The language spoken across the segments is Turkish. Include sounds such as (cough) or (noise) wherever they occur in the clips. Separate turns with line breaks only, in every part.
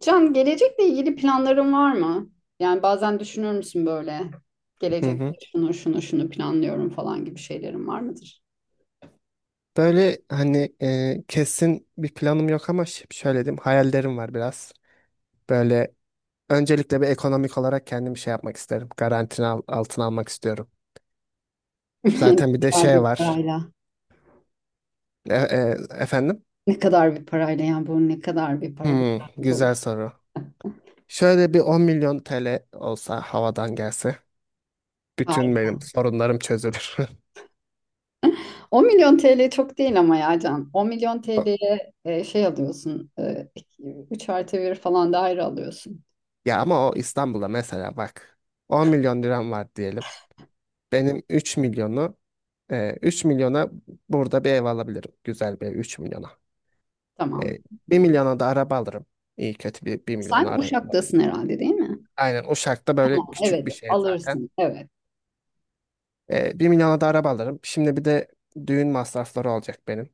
Can, gelecekle ilgili planların var mı? Yani bazen düşünür müsün böyle?
Hı
Gelecek
hı.
şunu şunu şunu planlıyorum falan gibi şeylerin var mıdır?
Böyle hani kesin bir planım yok ama şöyle diyeyim hayallerim var biraz. Böyle öncelikle bir ekonomik olarak kendimi şey yapmak isterim. Garantini altına almak istiyorum.
(laughs) Ne
Zaten bir de
kadar
şey
bir
var.
parayla?
Efendim?
Ne kadar bir parayla yani bu ne kadar bir para bir
Hmm,
paramız olur.
güzel soru. Şöyle bir 10 milyon TL olsa havadan gelse bütün benim sorunlarım çözülür. (laughs)
10 milyon TL çok değil ama ya Can. 10 milyon
O-
TL'ye şey alıyorsun. 3 artı 1 falan daire alıyorsun.
Ya ama o İstanbul'da mesela bak 10 milyon liram var diyelim. Benim 3 milyonu. 3 milyona burada bir ev alabilirim. Güzel bir ev 3 milyona.
Tamam.
Ee, 1 milyona da araba alırım. İyi kötü bir 1 milyona
Sen
araba.
Uşak'tasın herhalde değil mi?
Aynen Uşak'ta böyle küçük
Evet
bir şehir zaten.
alırsın. Evet.
1 milyona da araba alırım. Şimdi bir de düğün masrafları olacak benim.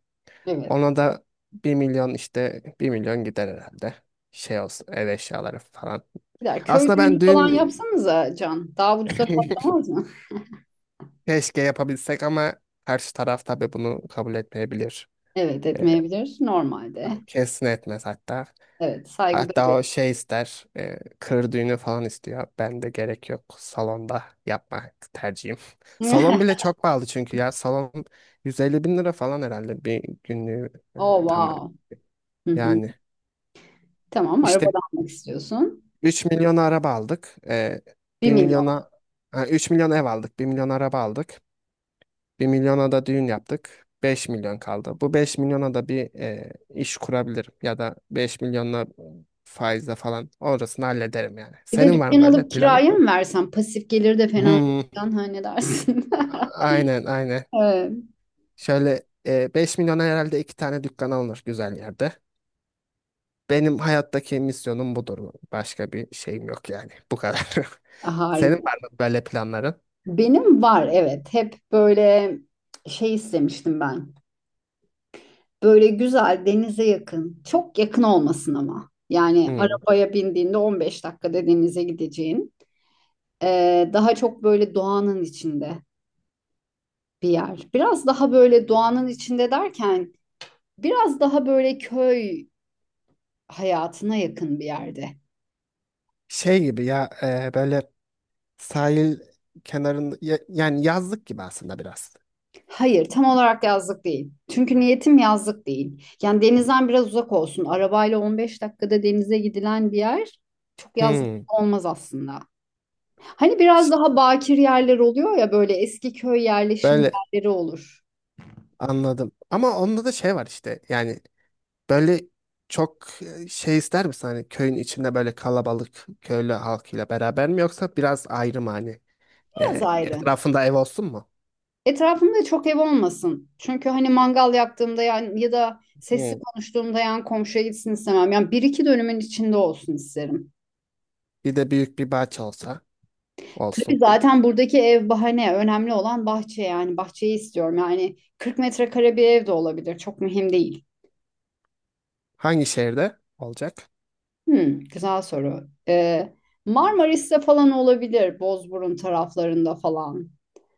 Evet.
Ona da 1 milyon işte 1 milyon gider herhalde. Şey olsun ev eşyaları falan.
Gider. Köy
Aslında
düğünü
ben
falan
düğün
yapsanıza Can. Daha ucuza
(laughs)
patlamaz mı? (laughs)
keşke yapabilsek ama karşı taraf tabii bunu kabul etmeyebilir.
Evet
Ee,
etmeyebilir normalde.
Kesin etmez hatta.
Evet saygı
Hatta
duyuyor.
o şey ister, kır düğünü falan istiyor. Ben de gerek yok. Salonda yapmak tercihim. (laughs) Salon bile
(laughs)
çok pahalı çünkü ya. Salon 150 bin lira falan herhalde bir günlüğü e,
Oh
tam
wow. Hı hı.
yani.
Tamam araba
İşte
da almak istiyorsun.
3 milyona araba aldık.
bir
1
milyon.
milyona, ha, 3 milyon ev aldık. 1 milyon araba aldık. 1 milyona da düğün yaptık. 5 milyon kaldı. Bu 5 milyona da bir iş kurabilirim. Ya da 5 milyonla faizle falan orasını hallederim yani.
Bir de
Senin var mı
dükkan
böyle
alıp
planın?
kiraya mı versen pasif gelir de fena değil.
Hmm,
Can, ha ne dersin? (laughs)
aynen aynen.
Evet,
Şöyle 5 milyona herhalde iki tane dükkan alınır güzel yerde. Benim hayattaki misyonum budur. Başka bir şeyim yok yani. Bu kadar. (laughs) Senin
harika.
var mı böyle planların?
Benim var evet. Hep böyle şey istemiştim ben. Böyle güzel denize yakın. Çok yakın olmasın ama. Yani
Hmm.
arabaya bindiğinde 15 dakikada denize gideceğin. Daha çok böyle doğanın içinde bir yer. Biraz daha böyle doğanın içinde derken biraz daha böyle köy hayatına yakın bir yerde.
Şey gibi ya böyle sahil kenarında yani yazlık gibi aslında biraz.
Hayır, tam olarak yazlık değil. Çünkü niyetim yazlık değil. Yani denizden biraz uzak olsun. Arabayla 15 dakikada denize gidilen bir yer çok yazlık
Hmm.
olmaz aslında. Hani biraz
İşte
daha bakir yerler oluyor ya böyle eski köy yerleşim
böyle
yerleri olur.
anladım. Ama onda da şey var işte yani. Böyle çok şey ister misin hani köyün içinde böyle kalabalık köylü halkıyla beraber mi yoksa biraz ayrı mı hani?
Biraz
E,
ayrı.
Etrafında ev olsun mu?
Etrafımda çok ev olmasın. Çünkü hani mangal yaktığımda yani ya da sesli
Hmm.
konuştuğumda yan komşuya gitsin istemem. Yani bir iki dönümün içinde olsun isterim.
Bir de büyük bir bahçe olsa
Tabii
olsun.
zaten buradaki ev bahane. Önemli olan bahçe yani. Bahçeyi istiyorum. Yani 40 metrekare bir ev de olabilir. Çok mühim değil.
Hangi şehirde olacak?
Hmm, güzel soru. Marmaris'te falan olabilir. Bozburun taraflarında falan.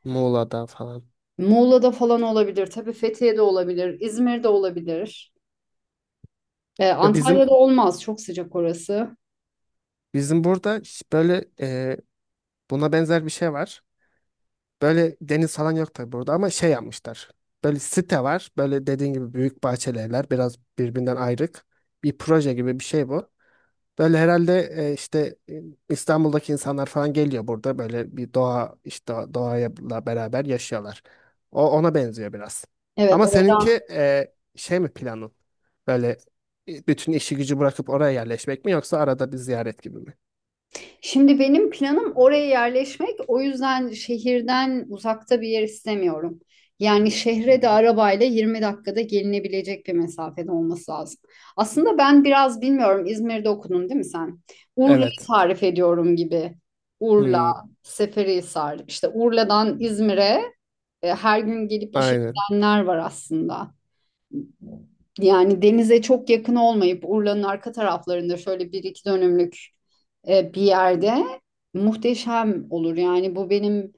Muğla'da falan.
Muğla'da falan olabilir. Tabii Fethiye'de olabilir. İzmir'de olabilir.
Ya bizim
Antalya'da olmaz. Çok sıcak orası.
burada böyle buna benzer bir şey var. Böyle deniz falan yok tabii burada ama şey yapmışlar. Böyle site var. Böyle dediğin gibi büyük bahçeli evler biraz birbirinden ayrık. Bir proje gibi bir şey bu. Böyle herhalde işte İstanbul'daki insanlar falan geliyor burada böyle bir doğa işte doğayla beraber yaşıyorlar. O ona benziyor biraz.
Evet,
Ama seninki
oradan
şey mi planın? Böyle bütün işi gücü bırakıp oraya yerleşmek mi yoksa arada bir ziyaret gibi mi?
Şimdi benim planım oraya yerleşmek. O yüzden şehirden uzakta bir yer istemiyorum. Yani şehre de
Hmm.
arabayla 20 dakikada gelinebilecek bir mesafede olması lazım. Aslında ben biraz bilmiyorum İzmir'de okudun değil mi sen? Urla'yı
Evet.
tarif ediyorum gibi. Urla,
Hmm,
Seferihisar. İşte Urla'dan İzmir'e her gün gelip işe
aynen.
gidenler var aslında. Yani denize çok yakın olmayıp Urla'nın arka taraflarında şöyle bir iki dönümlük bir yerde muhteşem olur. Yani bu benim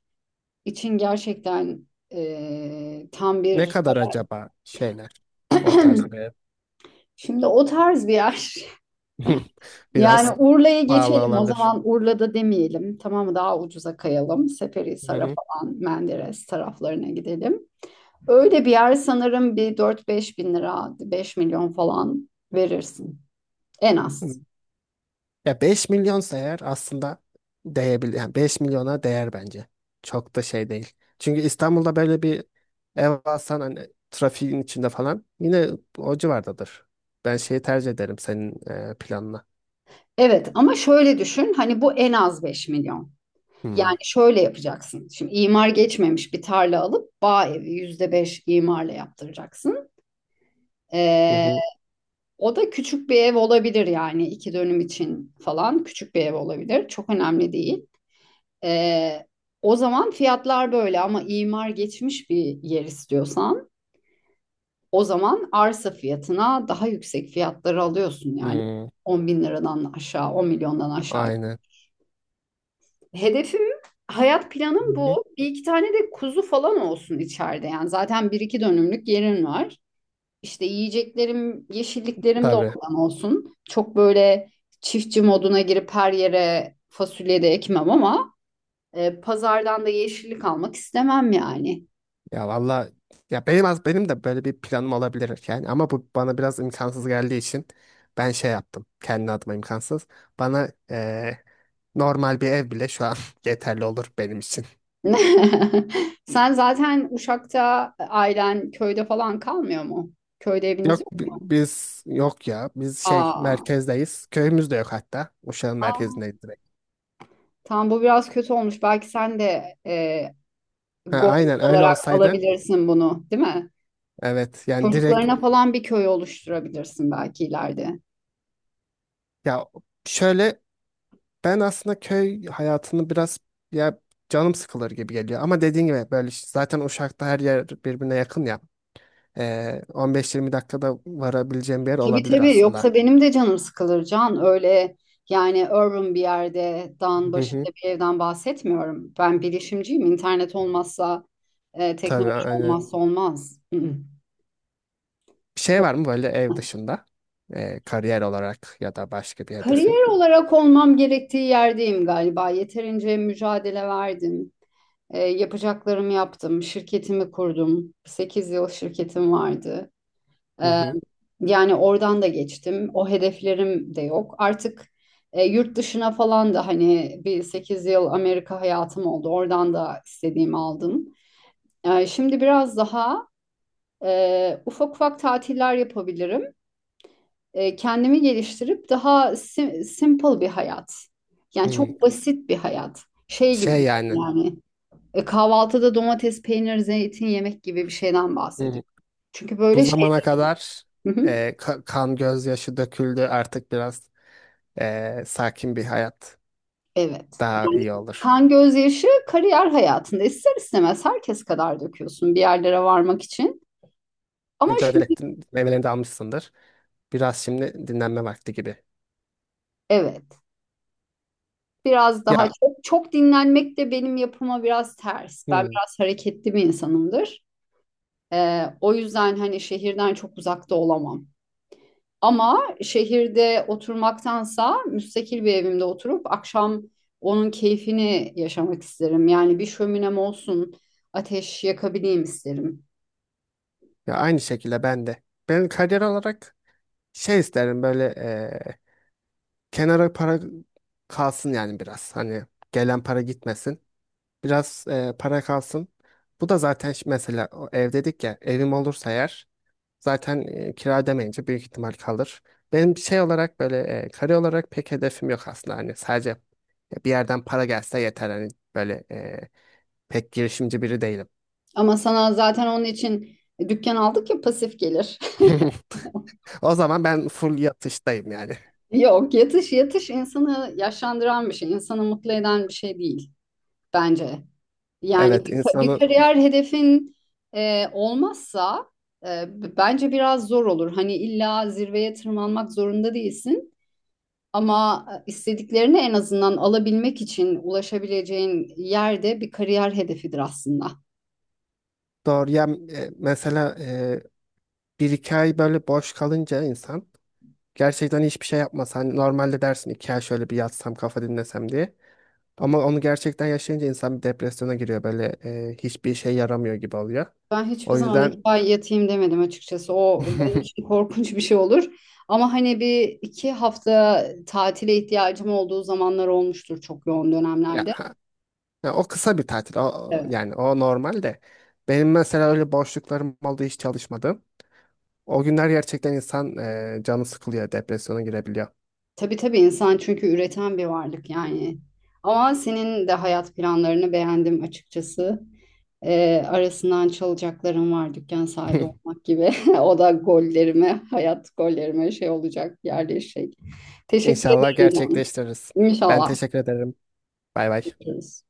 için gerçekten tam
Ne
bir.
kadar acaba şeyler o tarz bir
(clears throat)
ev?
Şimdi o tarz bir yer. (laughs)
(laughs)
Yani
Biraz
Urla'ya
pahalı
geçelim o
olabilir.
zaman Urla'da demeyelim tamam mı daha ucuza kayalım Seferihisar'a
Hı
falan Menderes taraflarına gidelim. Öyle bir yer sanırım bir dört beş bin lira 5 milyon falan verirsin en
hı.
az.
Ya 5 milyonsa eğer aslında değebilir. Yani 5 milyona değer bence. Çok da şey değil. Çünkü İstanbul'da böyle bir ev alsan hani trafiğin içinde falan yine o civardadır. Ben şeyi tercih ederim senin planına.
Evet ama şöyle düşün hani bu en az 5 milyon.
Hmm.
Yani şöyle yapacaksın. Şimdi imar geçmemiş bir tarla alıp bağ evi %5 imarla yaptıracaksın.
Hı
Ee,
hı.
o da küçük bir ev olabilir yani iki dönüm için falan küçük bir ev olabilir. Çok önemli değil. Ee, o zaman fiyatlar böyle ama imar geçmiş bir yer istiyorsan o zaman arsa fiyatına daha yüksek fiyatları alıyorsun yani
Hmm.
10 bin liradan aşağı on milyondan aşağı.
Aynen.
Hedefim, hayat
Hı
planım
hı.
bu. Bir iki tane de kuzu falan olsun içeride. Yani zaten bir iki dönümlük yerim var. İşte yiyeceklerim, yeşilliklerim de
Tabii.
oradan olsun. Çok böyle çiftçi moduna girip her yere fasulye de ekmem ama pazardan da yeşillik almak istemem yani.
Ya valla ya benim az benim de böyle bir planım olabilir yani ama bu bana biraz imkansız geldiği için ben şey yaptım. Kendi adıma imkansız. Bana normal bir ev bile şu an (laughs) yeterli olur benim için.
(laughs) Sen zaten Uşak'ta ailen köyde falan kalmıyor mu? Köyde eviniz
Yok
yok mu?
biz yok ya. Biz şey
Aa,
merkezdeyiz. Köyümüz de yok hatta. Uşak'ın
aa,
merkezindeyiz direkt.
tam bu biraz kötü olmuş. Belki sen de
Ha,
gol
aynen öyle
olarak
olsaydı.
alabilirsin bunu, değil mi?
Evet yani direkt
Çocuklarına falan bir köy oluşturabilirsin belki ileride.
ya şöyle ben aslında köy hayatını biraz ya canım sıkılır gibi geliyor. Ama dediğin gibi böyle işte zaten Uşak'ta her yer birbirine yakın ya. 15-20 dakikada varabileceğim bir yer
Tabii
olabilir
tabii
aslında.
yoksa benim de canım sıkılır Can. Öyle yani urban bir yerde dağın
Hı
başında
hı.
bir evden bahsetmiyorum. Ben bilişimciyim. İnternet olmazsa
Tabii
teknoloji
aynen.
olmazsa olmaz. Hı-hı.
Bir şey var mı böyle ev dışında? Kariyer olarak ya da başka bir hedefin?
Kariyer olarak olmam gerektiği yerdeyim galiba. Yeterince mücadele verdim. Yapacaklarımı yaptım. Şirketimi kurdum. 8 yıl şirketim vardı.
Hı
Ee,
hı.
yani oradan da geçtim. O hedeflerim de yok. Artık yurt dışına falan da hani bir 8 yıl Amerika hayatım oldu. Oradan da istediğimi aldım. Şimdi biraz daha ufak ufak tatiller yapabilirim. Kendimi geliştirip daha simple bir hayat. Yani
Hı.
çok basit bir hayat. Şey gibi
Şey yani
yani kahvaltıda domates, peynir, zeytin yemek gibi bir şeyden
hı,
bahsediyorum. Çünkü
bu
böyle şey.
zamana kadar
Hı hı.
kan gözyaşı döküldü artık biraz sakin bir hayat
Evet.
daha iyi olur.
Kan gözyaşı kariyer hayatında ister istemez herkes kadar döküyorsun bir yerlere varmak için. Ama
Mücadele
şimdi
ettin, meyvelerini de almışsındır. Biraz şimdi dinlenme vakti gibi.
evet biraz daha
Ya.
çok, çok dinlenmek de benim yapıma biraz ters. Ben
Hı.
biraz hareketli bir insanımdır. O yüzden hani şehirden çok uzakta olamam. Ama şehirde oturmaktansa müstakil bir evimde oturup akşam onun keyfini yaşamak isterim. Yani bir şöminem olsun, ateş yakabileyim isterim.
Ya aynı şekilde ben de. Ben kariyer olarak şey isterim böyle kenara para kalsın yani biraz. Hani gelen para gitmesin. Biraz para kalsın. Bu da zaten mesela o ev dedik ya evim olursa eğer zaten kira demeyince büyük ihtimal kalır. Benim şey olarak böyle kare olarak pek hedefim yok aslında hani sadece bir yerden para gelse yeter hani böyle pek girişimci biri değilim.
Ama sana zaten onun için dükkan aldık ya pasif gelir.
(laughs) O zaman ben full yatıştayım yani.
Yok, yatış yatış insanı yaşlandıran bir şey, insanı mutlu eden bir şey değil bence. Yani
Evet
bir
insanı
kariyer hedefin olmazsa bence biraz zor olur. Hani illa zirveye tırmanmak zorunda değilsin ama istediklerini en azından alabilmek için ulaşabileceğin yerde bir kariyer hedefidir aslında.
doğru ya mesela bir iki ay böyle boş kalınca insan gerçekten hiçbir şey yapmasa hani normalde dersin iki ay şöyle bir yatsam kafa dinlesem diye. Ama onu gerçekten yaşayınca insan bir depresyona giriyor. Böyle hiçbir işe yaramıyor gibi oluyor.
Ben hiçbir
O
zaman iki
yüzden
ay yatayım demedim açıkçası. O benim
(laughs)
için korkunç bir şey olur. Ama hani bir iki hafta tatile ihtiyacım olduğu zamanlar olmuştur çok yoğun
ya,
dönemlerde.
ya o kısa bir tatil. O,
Evet.
yani o normal de. Benim mesela öyle boşluklarım oldu hiç çalışmadım. O günler gerçekten insan canı sıkılıyor, depresyona girebiliyor.
Tabii tabii insan çünkü üreten bir varlık yani. Ama senin de hayat planlarını beğendim açıkçası. Arasından çalacaklarım var dükkan sahibi
(laughs)
olmak gibi. (laughs) O da gollerime, hayat gollerime şey olacak, yerleşecek. Teşekkür
İnşallah
ederim canım.
gerçekleştiririz. Ben
İnşallah.
teşekkür ederim. Bay bay.
Görüşürüz.